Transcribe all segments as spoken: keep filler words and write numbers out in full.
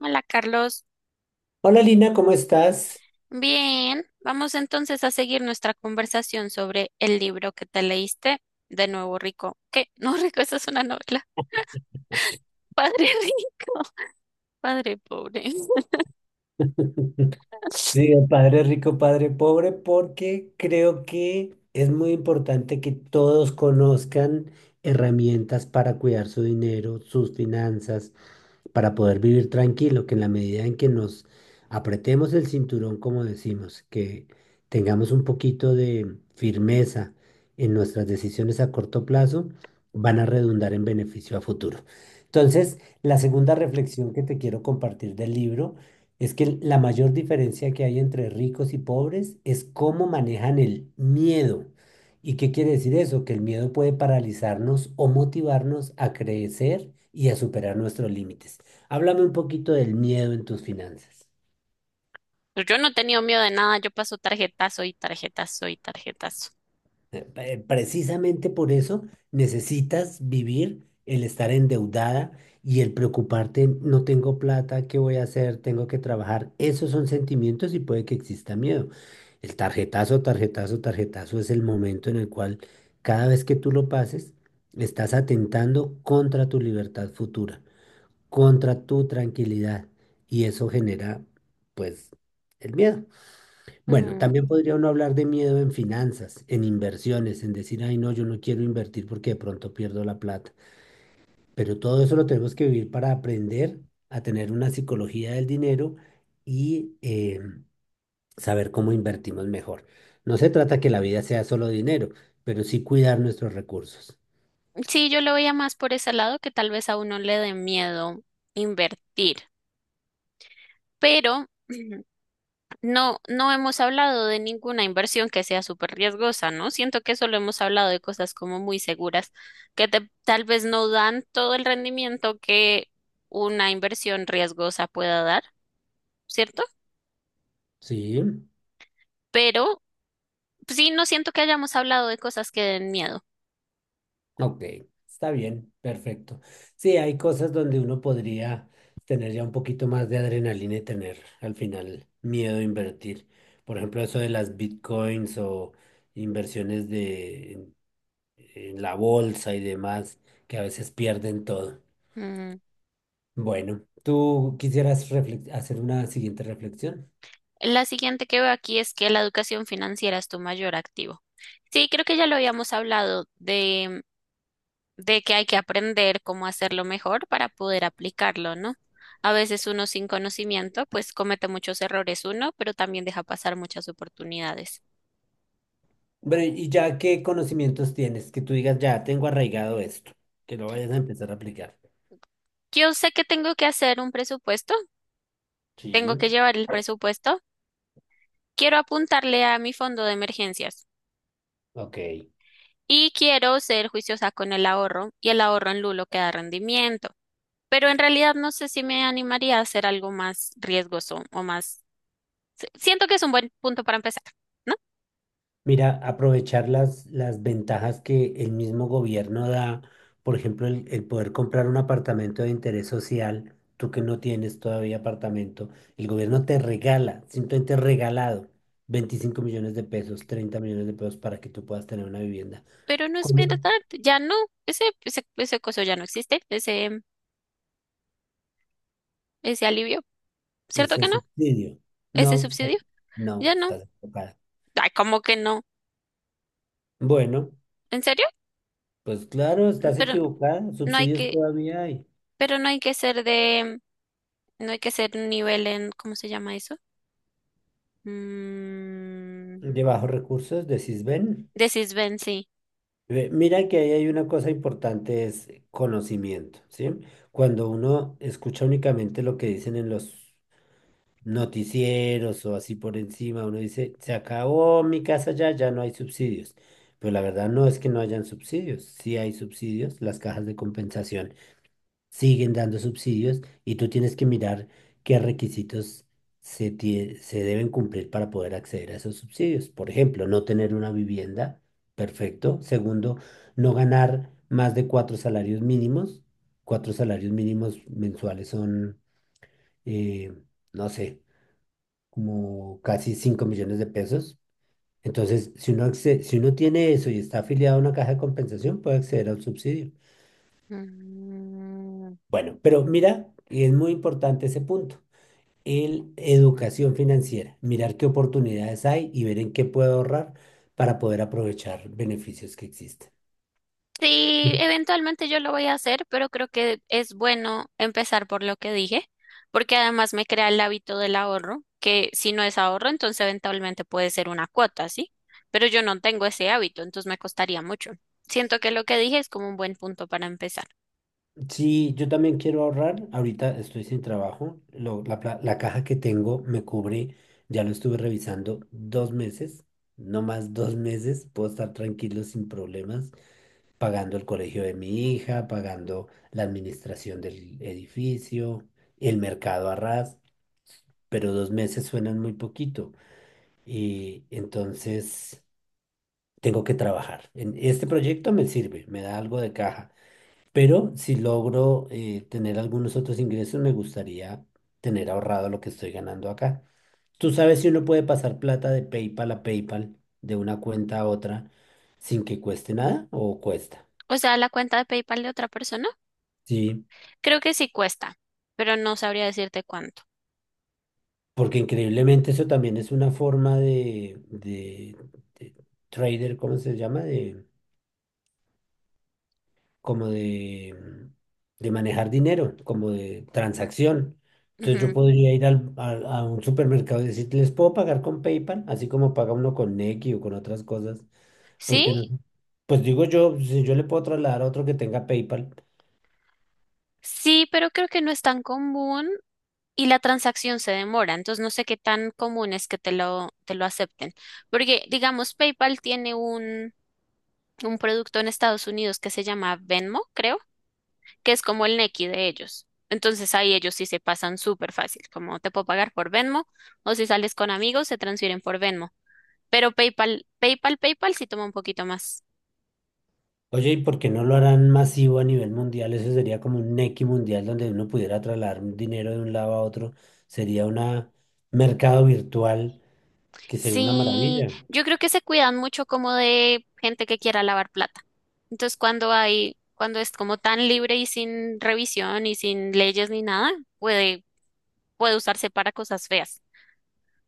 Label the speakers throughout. Speaker 1: Hola Carlos,
Speaker 2: Hola Lina, ¿cómo estás?
Speaker 1: bien, vamos entonces a seguir nuestra conversación sobre el libro que te leíste, de nuevo rico. ¿Qué? No rico, esa es una novela. Padre rico, padre pobre.
Speaker 2: Digo, padre rico, padre pobre, porque creo que es muy importante que todos conozcan herramientas para cuidar su dinero, sus finanzas, para poder vivir tranquilo, que en la medida en que nos apretemos el cinturón, como decimos, que tengamos un poquito de firmeza en nuestras decisiones a corto plazo, van a redundar en beneficio a futuro. Entonces, la segunda reflexión que te quiero compartir del libro es que la mayor diferencia que hay entre ricos y pobres es cómo manejan el miedo. ¿Y qué quiere decir eso? Que el miedo puede paralizarnos o motivarnos a crecer y a superar nuestros límites. Háblame un poquito del miedo en tus finanzas.
Speaker 1: Pues yo no he tenido miedo de nada, yo paso tarjetazo y tarjetazo y tarjetazo.
Speaker 2: Eh, eh, Precisamente por eso necesitas vivir el estar endeudada y el preocuparte, no tengo plata, ¿qué voy a hacer? Tengo que trabajar. Esos son sentimientos y puede que exista miedo. El tarjetazo, tarjetazo, tarjetazo es el momento en el cual cada vez que tú lo pases, estás atentando contra tu libertad futura, contra tu tranquilidad y eso genera, pues, el miedo. Bueno,
Speaker 1: Mm.
Speaker 2: también podría uno hablar de miedo en finanzas, en inversiones, en decir, ay, no, yo no quiero invertir porque de pronto pierdo la plata. Pero todo eso lo tenemos que vivir para aprender a tener una psicología del dinero y eh, saber cómo invertimos mejor. No se trata que la vida sea solo dinero, pero sí cuidar nuestros recursos.
Speaker 1: Sí, yo lo veía más por ese lado que tal vez a uno le dé miedo invertir, pero no, no hemos hablado de ninguna inversión que sea súper riesgosa, ¿no? Siento que solo hemos hablado de cosas como muy seguras que te- tal vez no dan todo el rendimiento que una inversión riesgosa pueda dar, ¿cierto?
Speaker 2: Sí.
Speaker 1: Pero sí, no siento que hayamos hablado de cosas que den miedo.
Speaker 2: Ok, está bien, perfecto. Sí, hay cosas donde uno podría tener ya un poquito más de adrenalina y tener al final miedo a invertir. Por ejemplo, eso de las bitcoins o inversiones de, en en la bolsa y demás, que a veces pierden todo. Bueno, ¿tú quisieras reflex- hacer una siguiente reflexión?
Speaker 1: La siguiente que veo aquí es que la educación financiera es tu mayor activo. Sí, creo que ya lo habíamos hablado de, de que hay que aprender cómo hacerlo mejor para poder aplicarlo, ¿no? A veces uno sin conocimiento, pues comete muchos errores uno, pero también deja pasar muchas oportunidades.
Speaker 2: Bueno, y ya qué conocimientos tienes, que tú digas, ya tengo arraigado esto, que lo vayas a empezar a aplicar.
Speaker 1: Yo sé que tengo que hacer un presupuesto,
Speaker 2: Sí,
Speaker 1: tengo que llevar el presupuesto, quiero apuntarle a mi fondo de emergencias
Speaker 2: ok.
Speaker 1: y quiero ser juiciosa con el ahorro y el ahorro en Lulo que da rendimiento. Pero en realidad no sé si me animaría a hacer algo más riesgoso o más. si- Siento que es un buen punto para empezar, ¿no?
Speaker 2: Mira, aprovechar las, las ventajas que el mismo gobierno da, por ejemplo, el, el poder comprar un apartamento de interés social, tú que no tienes todavía apartamento, el gobierno te regala, simplemente regalado, veinticinco millones de pesos, treinta millones de pesos para que tú puedas tener una vivienda.
Speaker 1: Pero no es
Speaker 2: ¿Cómo
Speaker 1: verdad,
Speaker 2: no?
Speaker 1: ya no, ese, ese, ese coso ya no existe, ese, ese alivio, ¿cierto
Speaker 2: Ese
Speaker 1: que no?
Speaker 2: subsidio.
Speaker 1: Ese
Speaker 2: No, estás-
Speaker 1: subsidio,
Speaker 2: no,
Speaker 1: ya no.
Speaker 2: estás equivocada.
Speaker 1: Ay, ¿cómo que no?
Speaker 2: Bueno,
Speaker 1: ¿En serio?
Speaker 2: pues claro,
Speaker 1: Mm,
Speaker 2: estás
Speaker 1: pero
Speaker 2: equivocada,
Speaker 1: no hay
Speaker 2: subsidios
Speaker 1: que,
Speaker 2: todavía hay.
Speaker 1: pero no hay que ser de, no hay que ser un nivel en, ¿cómo se llama eso? Mm,
Speaker 2: De bajos recursos, decís, ven.
Speaker 1: de Sisbenzi.
Speaker 2: Ve, mira que ahí hay una cosa importante, es conocimiento, ¿sí? Cuando uno escucha únicamente lo que dicen en los noticieros o así por encima, uno dice, se acabó mi casa ya, ya no hay subsidios. Pero la verdad no es que no hayan subsidios, sí hay subsidios, las cajas de compensación siguen dando subsidios y tú tienes que mirar qué requisitos se, tie- se deben cumplir para poder acceder a esos subsidios. Por ejemplo, no tener una vivienda, perfecto. Segundo, no ganar más de cuatro salarios mínimos. Cuatro salarios mínimos mensuales son, eh, no sé, como casi cinco millones de pesos. Entonces, si uno, acce- si uno tiene eso y está afiliado a una caja de compensación, puede acceder a un subsidio. Bueno, pero mira, y es muy importante ese punto. El educación financiera, mirar qué oportunidades hay y ver en qué puedo ahorrar para poder aprovechar beneficios que existen.
Speaker 1: Sí, eventualmente yo lo voy a hacer, pero creo que es bueno empezar por lo que dije, porque además me crea el hábito del ahorro, que si no es ahorro, entonces eventualmente puede ser una cuota, ¿sí? Pero yo no tengo ese hábito, entonces me costaría mucho. Siento que lo que dije es como un buen punto para empezar.
Speaker 2: Sí, yo también quiero ahorrar. Ahorita estoy sin trabajo. Lo- la, pla- la caja que tengo me cubre, ya lo estuve revisando, dos meses, no más dos meses. Puedo estar tranquilo sin problemas, pagando el colegio de mi hija, pagando la administración del edificio, el mercado a ras, pero dos meses suenan muy poquito. Y entonces tengo que trabajar. En este proyecto me sirve, me da algo de caja, pero si logro eh, tener algunos otros ingresos, me gustaría tener ahorrado lo que estoy ganando acá. ¿Tú sabes si uno puede pasar plata de PayPal a PayPal, de una cuenta a otra, sin que cueste nada o cuesta?
Speaker 1: O sea, la cuenta de PayPal de otra persona.
Speaker 2: Sí,
Speaker 1: Creo que sí cuesta, pero no sabría decirte cuánto.
Speaker 2: porque increíblemente eso también es una forma de, de, de trader, ¿cómo se llama? Como de, mm, de manejar dinero, como de transacción. Entonces yo
Speaker 1: Ujú.
Speaker 2: podría ir al- a, a un supermercado y decir, les puedo pagar con PayPal, así como paga uno con Nequi o con otras cosas,
Speaker 1: Sí,
Speaker 2: porque no. Pues digo yo, si yo le puedo trasladar a otro que tenga PayPal.
Speaker 1: sí, pero creo que no es tan común y la transacción se demora, entonces no sé qué tan común es que te lo, te lo acepten. Porque, digamos, PayPal tiene un... un producto en Estados Unidos que se llama Venmo, creo, que es como el Nequi de ellos. Entonces ahí ellos sí se pasan súper fácil, como te puedo pagar por Venmo o si sales con amigos se transfieren por Venmo. Pero PayPal, PayPal, PayPal sí toma un poquito más.
Speaker 2: Oye, ¿y por qué no lo harán masivo a nivel mundial? Eso sería como un Nequi mundial donde uno pudiera trasladar un dinero de un lado a otro. Sería un mercado virtual que sería una
Speaker 1: Sí,
Speaker 2: maravilla.
Speaker 1: yo creo que se cuidan mucho como de gente que quiera lavar plata. Entonces cuando hay, cuando es como tan libre y sin revisión y sin leyes ni nada, puede, puede usarse para cosas feas,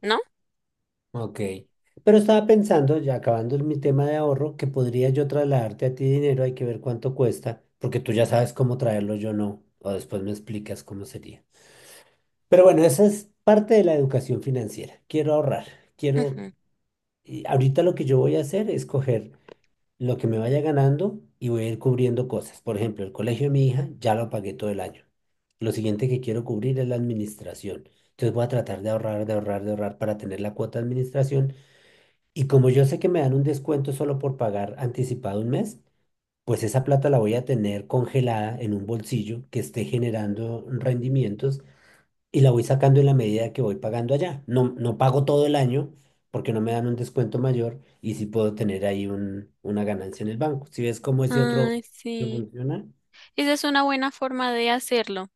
Speaker 1: ¿no?
Speaker 2: Ok. Pero estaba pensando, ya acabando mi tema de ahorro, que podría yo trasladarte a ti dinero, hay que ver cuánto cuesta, porque tú ya sabes cómo traerlo, yo no, o después me explicas cómo sería. Pero bueno, esa es parte de la educación financiera. Quiero ahorrar, quiero...
Speaker 1: Ujú.
Speaker 2: Y ahorita lo que yo voy a hacer es coger lo que me vaya ganando y voy a ir cubriendo cosas. Por ejemplo, el colegio de mi hija ya lo pagué todo el año. Lo siguiente que quiero cubrir es la administración. Entonces voy a tratar de ahorrar, de ahorrar, de ahorrar para tener la cuota de administración y como yo sé que me dan un descuento solo por pagar anticipado un mes, pues esa plata la voy a tener congelada en un bolsillo que esté generando rendimientos y la voy sacando en la medida que voy pagando allá. No, no pago todo el año porque no me dan un descuento mayor y sí puedo tener ahí un, una ganancia en el banco. ¿Si ves cómo ese otro
Speaker 1: Ay,
Speaker 2: no
Speaker 1: sí.
Speaker 2: funciona?
Speaker 1: Esa es una buena forma de hacerlo.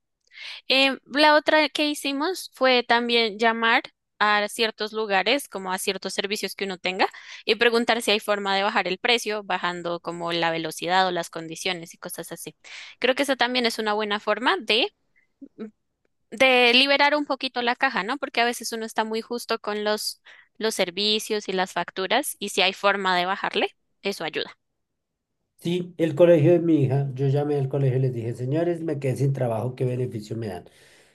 Speaker 1: Em, la otra que hicimos fue también llamar a ciertos lugares, como a ciertos servicios que uno tenga, y preguntar si hay forma de bajar el precio, bajando como la velocidad o las condiciones y cosas así. Creo que esa también es una buena forma de, de liberar un poquito la caja, ¿no? Porque a veces uno está muy justo con los, los servicios y las facturas, y si hay forma de bajarle, eso ayuda.
Speaker 2: Sí, el colegio de mi hija, yo llamé al colegio y les dije, señores, me quedé sin trabajo, ¿qué beneficio me dan?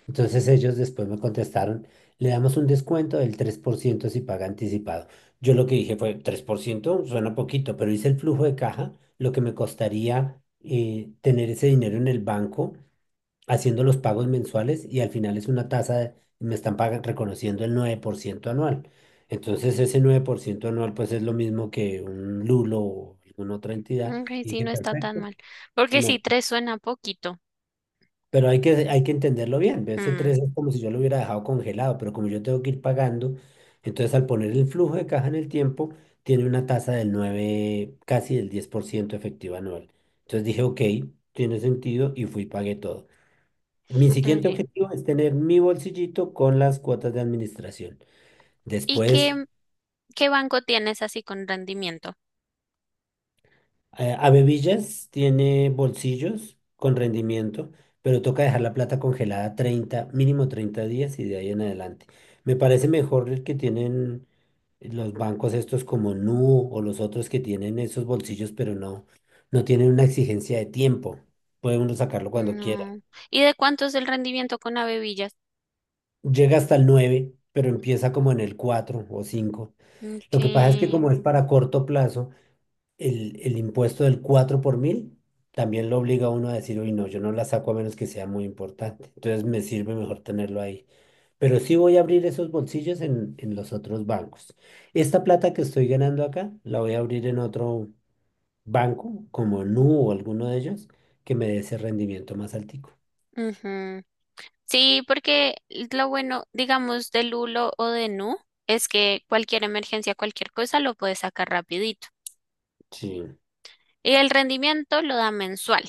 Speaker 2: Entonces ellos después me contestaron, le damos un descuento del tres por ciento si paga anticipado. Yo lo que dije fue, tres por ciento suena poquito, pero hice el flujo de caja, lo que me costaría eh, tener ese dinero en el banco haciendo los pagos mensuales y al final es una tasa, de- me están pagan- reconociendo el nueve por ciento anual. Entonces ese nueve por ciento anual pues es lo mismo que un Lulo o alguna otra entidad.
Speaker 1: Ok,
Speaker 2: Y
Speaker 1: sí,
Speaker 2: dije,
Speaker 1: no está tan
Speaker 2: perfecto,
Speaker 1: mal. Porque
Speaker 2: me
Speaker 1: sí, tres suena poquito.
Speaker 2: pero hay que, hay que entenderlo bien. Ese
Speaker 1: Mm.
Speaker 2: tres es como si yo lo hubiera dejado congelado, pero como yo tengo que ir pagando, entonces al poner el flujo de caja en el tiempo, tiene una tasa del nueve casi del diez por ciento efectiva anual. Entonces dije, ok, tiene sentido y fui y pagué todo. Mi siguiente
Speaker 1: Ok.
Speaker 2: objetivo es tener mi bolsillito con las cuotas de administración.
Speaker 1: ¿Y
Speaker 2: Después
Speaker 1: qué, qué banco tienes así con rendimiento?
Speaker 2: Eh, Abebillas tiene bolsillos con rendimiento, pero toca dejar la plata congelada treinta mínimo treinta días y de ahí en adelante. Me parece mejor el que tienen los bancos estos como Nu o los otros que tienen esos bolsillos, pero no, no tienen una exigencia de tiempo. Puede uno sacarlo cuando quiera.
Speaker 1: No. ¿Y de cuánto es el rendimiento con Abevillas?
Speaker 2: Llega hasta el nueve, pero empieza como en el cuatro o cinco.
Speaker 1: Ok.
Speaker 2: Lo que pasa es que como es para corto plazo, el, el impuesto del cuatro por mil también lo obliga a uno a decir, uy, no, yo no la saco a menos que sea muy importante. Entonces me sirve mejor tenerlo ahí. Pero sí voy a abrir esos bolsillos en, en los otros bancos. Esta plata que estoy ganando acá, la voy a abrir en otro banco, como Nu o alguno de ellos, que me dé ese rendimiento más altico.
Speaker 1: Ujú. Sí, porque lo bueno, digamos, de Lulo o de Nu es que cualquier emergencia, cualquier cosa lo puedes sacar rapidito.
Speaker 2: Sí.
Speaker 1: Y el rendimiento lo da mensual.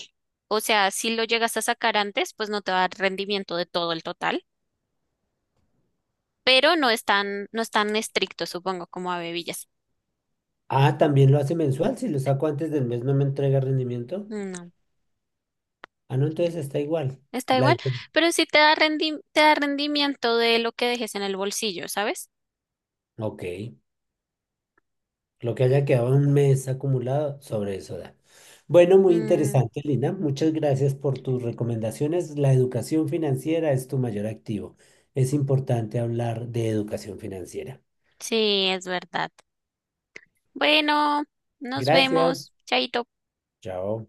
Speaker 1: O sea, si lo llegas a sacar antes, pues no te va a dar rendimiento de todo el total, pero no es tan, no es tan estricto, supongo, como Abevillas.
Speaker 2: Ah, también lo hace mensual. Si lo saco antes del mes, no me entrega rendimiento. Ah, no, entonces está igual.
Speaker 1: Está
Speaker 2: La...
Speaker 1: igual,
Speaker 2: diferen-
Speaker 1: pero sí te da rendi- te da rendimiento de lo que dejes en el bolsillo, ¿sabes?
Speaker 2: Ok. Lo que haya quedado un mes acumulado, sobre eso da. Bueno, muy
Speaker 1: Mm,
Speaker 2: interesante, Lina. Muchas gracias por tus recomendaciones. La educación financiera es tu mayor activo. Es importante hablar de educación financiera.
Speaker 1: sí, es verdad. Bueno, nos
Speaker 2: Gracias.
Speaker 1: vemos. Chaito.
Speaker 2: Chao.